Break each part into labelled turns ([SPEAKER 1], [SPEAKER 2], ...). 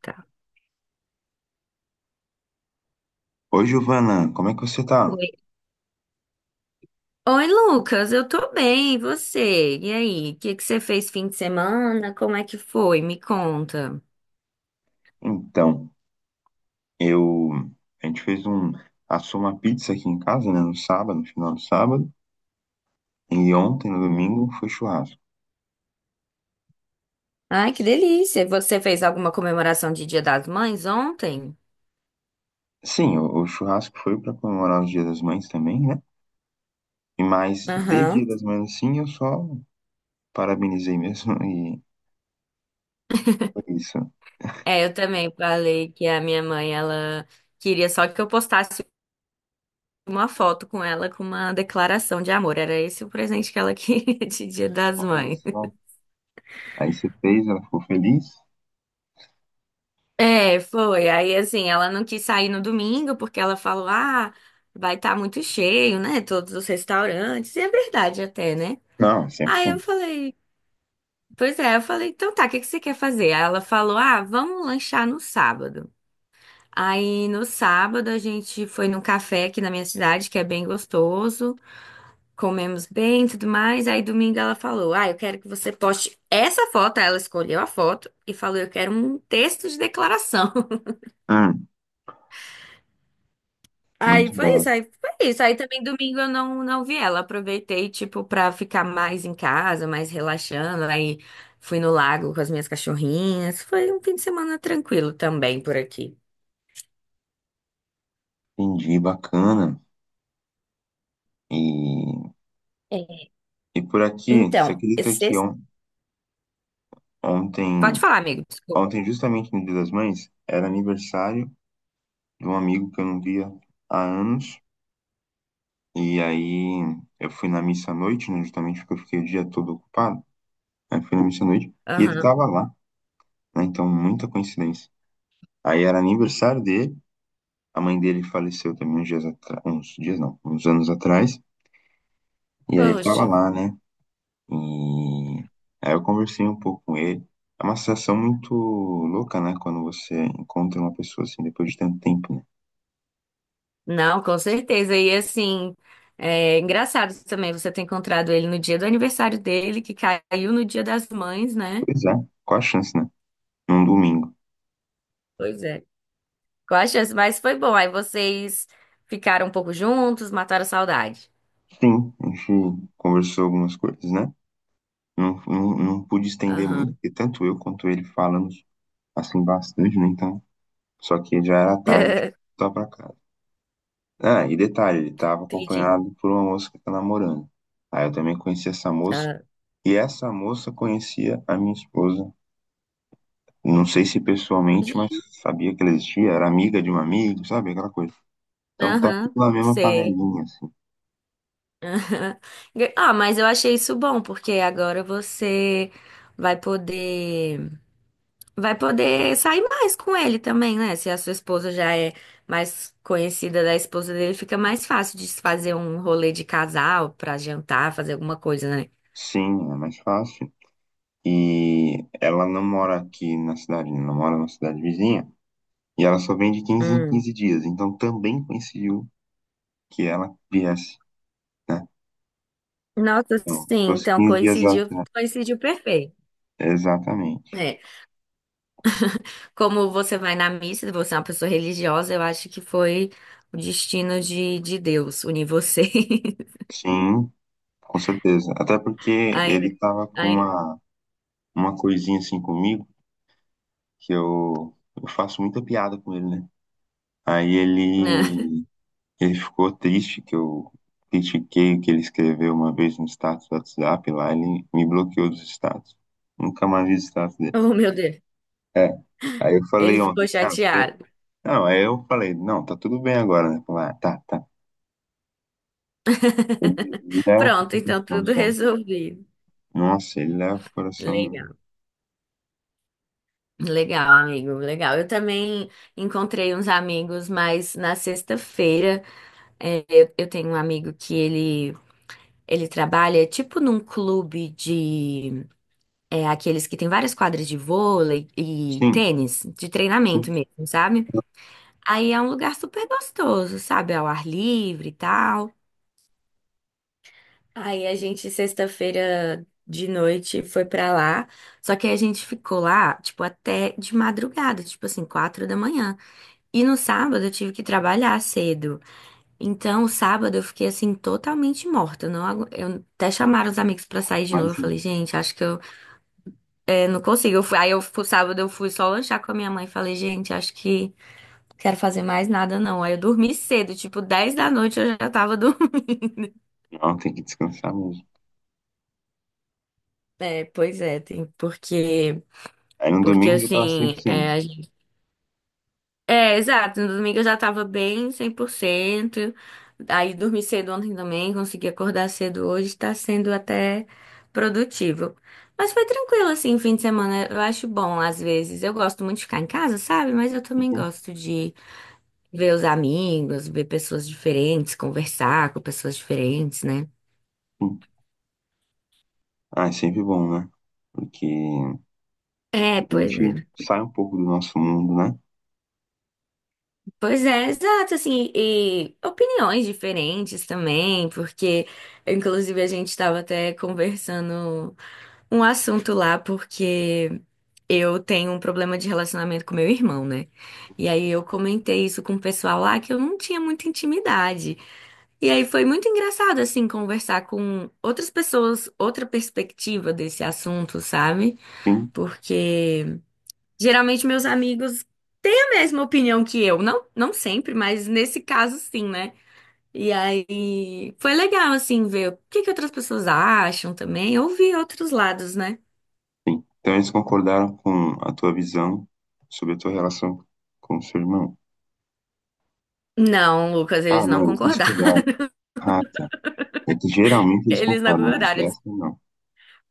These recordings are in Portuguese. [SPEAKER 1] Tá.
[SPEAKER 2] Oi, Giovana, como é que você tá?
[SPEAKER 1] Oi. Oi, Lucas, eu tô bem, e você? E aí, o que que você fez fim de semana? Como é que foi? Me conta.
[SPEAKER 2] Então, eu. A gente fez um. Assou uma pizza aqui em casa, né, no sábado, no final do sábado. E ontem, no domingo, foi churrasco.
[SPEAKER 1] Ai, que delícia! Você fez alguma comemoração de Dia das Mães ontem?
[SPEAKER 2] Sim, o churrasco foi para comemorar o Dia das Mães também, né? E mais de Dia
[SPEAKER 1] Aham.
[SPEAKER 2] das Mães, assim, eu só parabenizei mesmo e foi isso.
[SPEAKER 1] É, eu também falei que a minha mãe, ela queria só que eu postasse uma foto com ela com uma declaração de amor. Era esse o presente que ela queria de Dia das
[SPEAKER 2] Olha
[SPEAKER 1] Mães.
[SPEAKER 2] só. Aí você fez, ela ficou feliz?
[SPEAKER 1] É, foi. Aí, assim, ela não quis sair no domingo porque ela falou: ah, vai estar muito cheio, né? Todos os restaurantes. E é verdade até, né?
[SPEAKER 2] Não,
[SPEAKER 1] Aí eu
[SPEAKER 2] 100%.
[SPEAKER 1] falei: pois é, eu falei: então tá, o que que você quer fazer? Aí ela falou: ah, vamos lanchar no sábado. Aí no sábado a gente foi num café aqui na minha cidade, que é bem gostoso. Comemos bem e tudo mais. Aí domingo ela falou: ah, eu quero que você poste essa foto. Aí ela escolheu a foto e falou: eu quero um texto de declaração.
[SPEAKER 2] Hum,
[SPEAKER 1] Aí
[SPEAKER 2] muito
[SPEAKER 1] foi
[SPEAKER 2] bom.
[SPEAKER 1] isso, aí foi isso. Aí também domingo eu não vi ela. Aproveitei, tipo, pra ficar mais em casa, mais relaxando. Aí fui no lago com as minhas cachorrinhas. Foi um fim de semana tranquilo também por aqui.
[SPEAKER 2] Entendi, bacana. E,
[SPEAKER 1] É.
[SPEAKER 2] e por aqui, você
[SPEAKER 1] Então,
[SPEAKER 2] acredita que
[SPEAKER 1] esse...
[SPEAKER 2] ontem.
[SPEAKER 1] pode falar, amigo, desculpa.
[SPEAKER 2] Ontem, justamente no Dia das Mães, era aniversário de um amigo que eu não via há anos. E aí eu fui na missa à noite, né, justamente porque eu fiquei o dia todo ocupado. Aí fui na missa à noite e ele
[SPEAKER 1] Aham.
[SPEAKER 2] tava lá, né? Então, muita coincidência. Aí era aniversário dele, a mãe dele faleceu também uns dias não, uns anos atrás. E aí ele tava
[SPEAKER 1] Poxa.
[SPEAKER 2] lá, né? E aí eu conversei um pouco com ele. É uma sensação muito louca, né? Quando você encontra uma pessoa assim depois de tanto tempo, né?
[SPEAKER 1] Não, com certeza. E assim, é engraçado também você ter encontrado ele no dia do aniversário dele, que caiu no dia das mães, né?
[SPEAKER 2] Pois é, qual a chance, né? Num domingo.
[SPEAKER 1] Pois é. Qual a chance? Mas foi bom. Aí vocês ficaram um pouco juntos, mataram a saudade.
[SPEAKER 2] Sim, a gente conversou algumas coisas, né? Não, pude estender muito,
[SPEAKER 1] Aham.
[SPEAKER 2] porque tanto eu quanto ele falamos assim bastante, né? Então, só que já era tarde, tá pra casa. Ah, e detalhe, ele tava
[SPEAKER 1] Entendi.
[SPEAKER 2] acompanhado por uma moça que tá namorando. Aí eu também conheci essa moça,
[SPEAKER 1] Ah,
[SPEAKER 2] e essa moça conhecia a minha esposa. Não sei se pessoalmente, mas sabia que ela existia, era amiga de um amigo, sabe? Aquela coisa. Então tá tudo
[SPEAKER 1] Aham.
[SPEAKER 2] na mesma
[SPEAKER 1] Sei.
[SPEAKER 2] panelinha, assim.
[SPEAKER 1] Aham. Ah, mas eu achei isso bom, porque agora você vai poder vai poder sair mais com ele também, né? Se a sua esposa já é mais conhecida da esposa dele, fica mais fácil de se fazer um rolê de casal pra jantar, fazer alguma coisa, né?
[SPEAKER 2] Sim, é mais fácil. E ela não mora aqui na cidade, ela mora na cidade vizinha. E ela só vem de quinze em
[SPEAKER 1] Hum.
[SPEAKER 2] 15 dias. Então também coincidiu que ela viesse, né?
[SPEAKER 1] Nossa,
[SPEAKER 2] Então, se
[SPEAKER 1] sim,
[SPEAKER 2] fosse
[SPEAKER 1] então
[SPEAKER 2] 15 dias, exa-
[SPEAKER 1] coincidiu, coincidiu perfeito.
[SPEAKER 2] exatamente.
[SPEAKER 1] É, como você vai na missa, você é uma pessoa religiosa, eu acho que foi o destino de Deus unir você.
[SPEAKER 2] Sim, com certeza. Até porque
[SPEAKER 1] Ainda.
[SPEAKER 2] ele tava com
[SPEAKER 1] Ai,
[SPEAKER 2] uma coisinha assim comigo, que eu faço muita piada com ele, né? Aí
[SPEAKER 1] né?
[SPEAKER 2] ele Ele ficou triste que eu critiquei o que ele escreveu uma vez no status do WhatsApp lá, ele me bloqueou dos status. Nunca mais vi o status dele.
[SPEAKER 1] Oh, meu Deus.
[SPEAKER 2] É. Aí eu falei
[SPEAKER 1] Ele
[SPEAKER 2] ontem,
[SPEAKER 1] ficou
[SPEAKER 2] cara, você...
[SPEAKER 1] chateado.
[SPEAKER 2] não, aí eu falei, não, tá tudo bem agora, né? Falei, ah, tá, tá. Ele leva
[SPEAKER 1] Pronto,
[SPEAKER 2] pro
[SPEAKER 1] então
[SPEAKER 2] coração,
[SPEAKER 1] tudo
[SPEAKER 2] sabe?
[SPEAKER 1] resolvido.
[SPEAKER 2] Nossa, ele leva pro coração mesmo.
[SPEAKER 1] Legal. Legal, amigo. Legal. Eu também encontrei uns amigos, mas na sexta-feira, é, eu tenho um amigo que ele trabalha tipo num clube de É aqueles que tem várias quadras de vôlei e
[SPEAKER 2] Sim,
[SPEAKER 1] tênis, de treinamento
[SPEAKER 2] sim,
[SPEAKER 1] mesmo, sabe? Aí é um lugar super gostoso, sabe? Ao ar livre e tal. Aí a gente, sexta-feira de noite, foi pra lá. Só que aí a gente ficou lá, tipo, até de madrugada, tipo assim, 4 da manhã. E no sábado eu tive que trabalhar cedo. Então, o sábado eu fiquei, assim, totalmente morta. Eu Não, eu até chamaram os amigos pra sair de novo. Eu
[SPEAKER 2] imagina.
[SPEAKER 1] falei, gente, acho que eu não consigo. Aí eu fui, sábado eu fui só lanchar com a minha mãe. Falei, gente, acho que não quero fazer mais nada não. Aí eu dormi cedo, tipo 10 da noite eu já tava dormindo.
[SPEAKER 2] Não, tem que descansar mesmo.
[SPEAKER 1] É, pois é, tem, porque,
[SPEAKER 2] Aí no
[SPEAKER 1] porque
[SPEAKER 2] domingo já tava
[SPEAKER 1] assim,
[SPEAKER 2] 100%.
[SPEAKER 1] é, é, exato, no domingo eu já tava bem 100%. Aí dormi cedo ontem também, consegui acordar cedo hoje, tá sendo até produtivo. Mas foi tranquilo assim, fim de semana. Eu acho bom às vezes. Eu gosto muito de ficar em casa, sabe? Mas eu também
[SPEAKER 2] Uhum,
[SPEAKER 1] gosto de ver os amigos, ver pessoas diferentes, conversar com pessoas diferentes, né?
[SPEAKER 2] sim. Ah, é sempre bom, né? Porque
[SPEAKER 1] É,
[SPEAKER 2] a
[SPEAKER 1] pois é.
[SPEAKER 2] gente sai um pouco do nosso mundo, né?
[SPEAKER 1] Pois é, exato, assim, e opiniões diferentes também, porque inclusive a gente estava até conversando um assunto lá, porque eu tenho um problema de relacionamento com meu irmão, né? E aí eu comentei isso com o pessoal lá que eu não tinha muita intimidade. E aí foi muito engraçado, assim, conversar com outras pessoas, outra perspectiva desse assunto, sabe?
[SPEAKER 2] Sim.
[SPEAKER 1] Porque geralmente meus amigos têm a mesma opinião que eu. Não, não sempre, mas nesse caso sim, né? E aí foi legal, assim, ver o que que outras pessoas acham também. Ouvir outros lados, né?
[SPEAKER 2] Sim. Então eles concordaram com a tua visão sobre a tua relação com o seu irmão.
[SPEAKER 1] Não, Lucas,
[SPEAKER 2] Ah,
[SPEAKER 1] eles não
[SPEAKER 2] não, eles
[SPEAKER 1] concordaram.
[SPEAKER 2] discordaram. Ah, tá. É que geralmente eles
[SPEAKER 1] Eles não
[SPEAKER 2] concordam, mas
[SPEAKER 1] concordaram. Eles...
[SPEAKER 2] dessa não.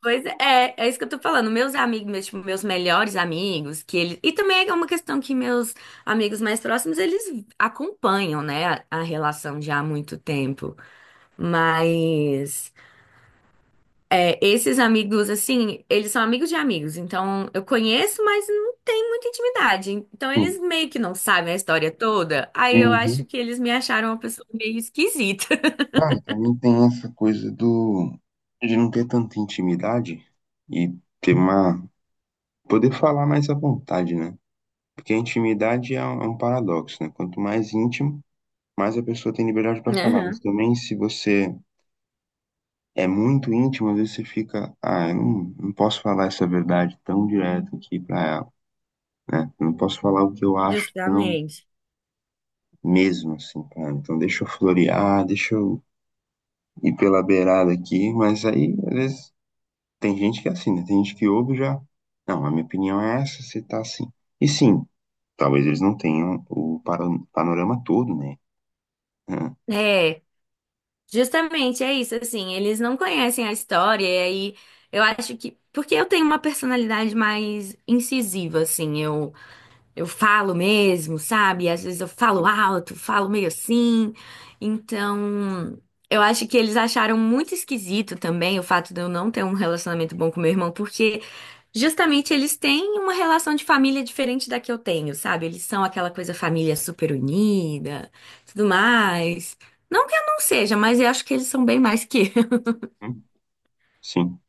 [SPEAKER 1] Pois é, é isso que eu tô falando. Meus amigos, meus, tipo, meus melhores amigos, que eles. E também é uma questão que meus amigos mais próximos, eles acompanham, né, a relação já há muito tempo. Mas. É, esses amigos, assim, eles são amigos de amigos, então eu conheço, mas não tem muita intimidade. Então
[SPEAKER 2] Sim.
[SPEAKER 1] eles meio que não sabem a história toda. Aí eu
[SPEAKER 2] Uhum.
[SPEAKER 1] acho que eles me acharam uma pessoa meio esquisita.
[SPEAKER 2] Ah, e também tem essa coisa do de não ter tanta intimidade e ter uma poder falar mais à vontade, né? Porque a intimidade é um paradoxo, né? Quanto mais íntimo, mais a pessoa tem liberdade para falar. Mas
[SPEAKER 1] Aham,
[SPEAKER 2] também se você é muito íntimo, às vezes você fica, ah, eu não posso falar essa verdade tão direto aqui pra ela, né? Eu não posso falar o que eu acho tão
[SPEAKER 1] Justamente.
[SPEAKER 2] mesmo, assim, pra ela. Então deixa eu florear, deixa eu ir pela beirada aqui, mas aí, às vezes, tem gente que é assim, né? Tem gente que ouve e já, não, a minha opinião é essa, você tá assim. E sim, talvez eles não tenham o panorama todo, né? Hum,
[SPEAKER 1] É, justamente é isso, assim, eles não conhecem a história, e aí eu acho que. Porque eu tenho uma personalidade mais incisiva, assim, Eu falo mesmo, sabe? Às vezes eu falo alto, falo meio assim. Então, eu acho que eles acharam muito esquisito também o fato de eu não ter um relacionamento bom com meu irmão, porque justamente eles têm uma relação de família diferente da que eu tenho, sabe? Eles são aquela coisa família super unida, tudo mais. Não que eu não seja, mas eu acho que eles são bem mais que eu.
[SPEAKER 2] sim,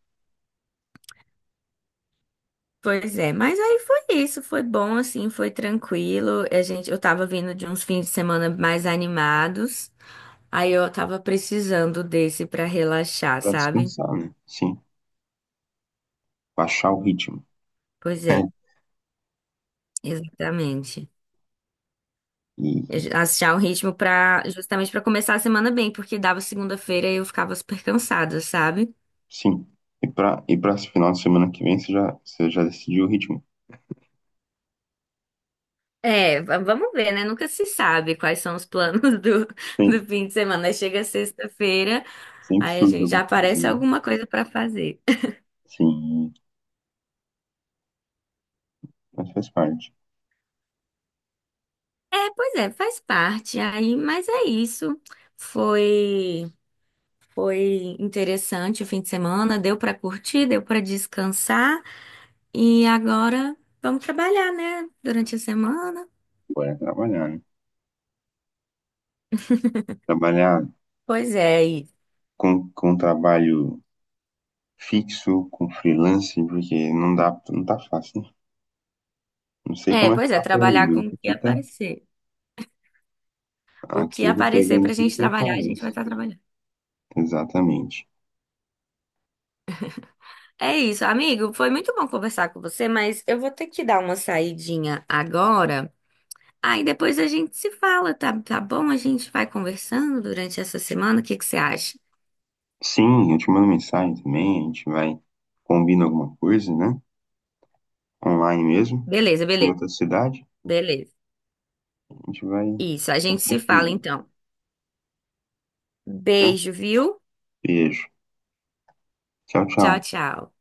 [SPEAKER 1] Pois é, mas aí foi isso, foi bom assim, foi tranquilo. A gente, eu tava vindo de uns fins de semana mais animados. Aí eu tava precisando desse pra relaxar,
[SPEAKER 2] pra
[SPEAKER 1] sabe?
[SPEAKER 2] descansar, né? Sim, baixar o ritmo.
[SPEAKER 1] Pois
[SPEAKER 2] É.
[SPEAKER 1] é, exatamente. Eu
[SPEAKER 2] E
[SPEAKER 1] já- achar um ritmo para justamente pra começar a semana bem, porque dava segunda-feira e eu ficava super cansada, sabe?
[SPEAKER 2] sim. E para esse final de semana que vem, você já decidiu o ritmo?
[SPEAKER 1] É, vamos ver, né? Nunca se sabe quais são os planos do,
[SPEAKER 2] Sim.
[SPEAKER 1] do fim de semana. Aí Chega sexta-feira,
[SPEAKER 2] Sempre
[SPEAKER 1] aí a
[SPEAKER 2] surge
[SPEAKER 1] gente já
[SPEAKER 2] alguma coisa.
[SPEAKER 1] aparece
[SPEAKER 2] Né?
[SPEAKER 1] alguma coisa pra fazer.
[SPEAKER 2] Sim, mas faz parte.
[SPEAKER 1] É, pois é, faz parte aí, mas é isso. Foi Foi interessante o fim de semana, deu para curtir, deu para descansar e agora vamos trabalhar, né? Durante a semana.
[SPEAKER 2] Agora é trabalhar, né? Trabalhar
[SPEAKER 1] Pois é, e...
[SPEAKER 2] com um trabalho fixo, com freelance, porque não dá, não tá fácil. Né? Não sei
[SPEAKER 1] é,
[SPEAKER 2] como é que
[SPEAKER 1] pois é,
[SPEAKER 2] tá por aí,
[SPEAKER 1] trabalhar
[SPEAKER 2] mas
[SPEAKER 1] com o que
[SPEAKER 2] aqui tá.
[SPEAKER 1] aparecer. O que
[SPEAKER 2] Aqui eu tô
[SPEAKER 1] aparecer
[SPEAKER 2] pegando
[SPEAKER 1] pra
[SPEAKER 2] tudo
[SPEAKER 1] gente
[SPEAKER 2] que
[SPEAKER 1] trabalhar, a gente vai
[SPEAKER 2] aparece.
[SPEAKER 1] estar trabalhando.
[SPEAKER 2] Exatamente.
[SPEAKER 1] É isso, amigo, foi muito bom conversar com você, mas eu vou ter que dar uma saidinha agora. Aí depois a gente se fala, tá, tá bom? A gente vai conversando durante essa semana, o que que você acha?
[SPEAKER 2] Sim, eu te mando mensagem também, a gente vai combina alguma coisa, né? Online mesmo,
[SPEAKER 1] Beleza,
[SPEAKER 2] em
[SPEAKER 1] beleza,
[SPEAKER 2] outra cidade.
[SPEAKER 1] beleza.
[SPEAKER 2] A gente vai
[SPEAKER 1] Isso, a gente se fala
[SPEAKER 2] compartilhando.
[SPEAKER 1] então.
[SPEAKER 2] Tranquilo.
[SPEAKER 1] Beijo, viu?
[SPEAKER 2] Beijo. Tchau,
[SPEAKER 1] Tchau,
[SPEAKER 2] tchau.
[SPEAKER 1] tchau.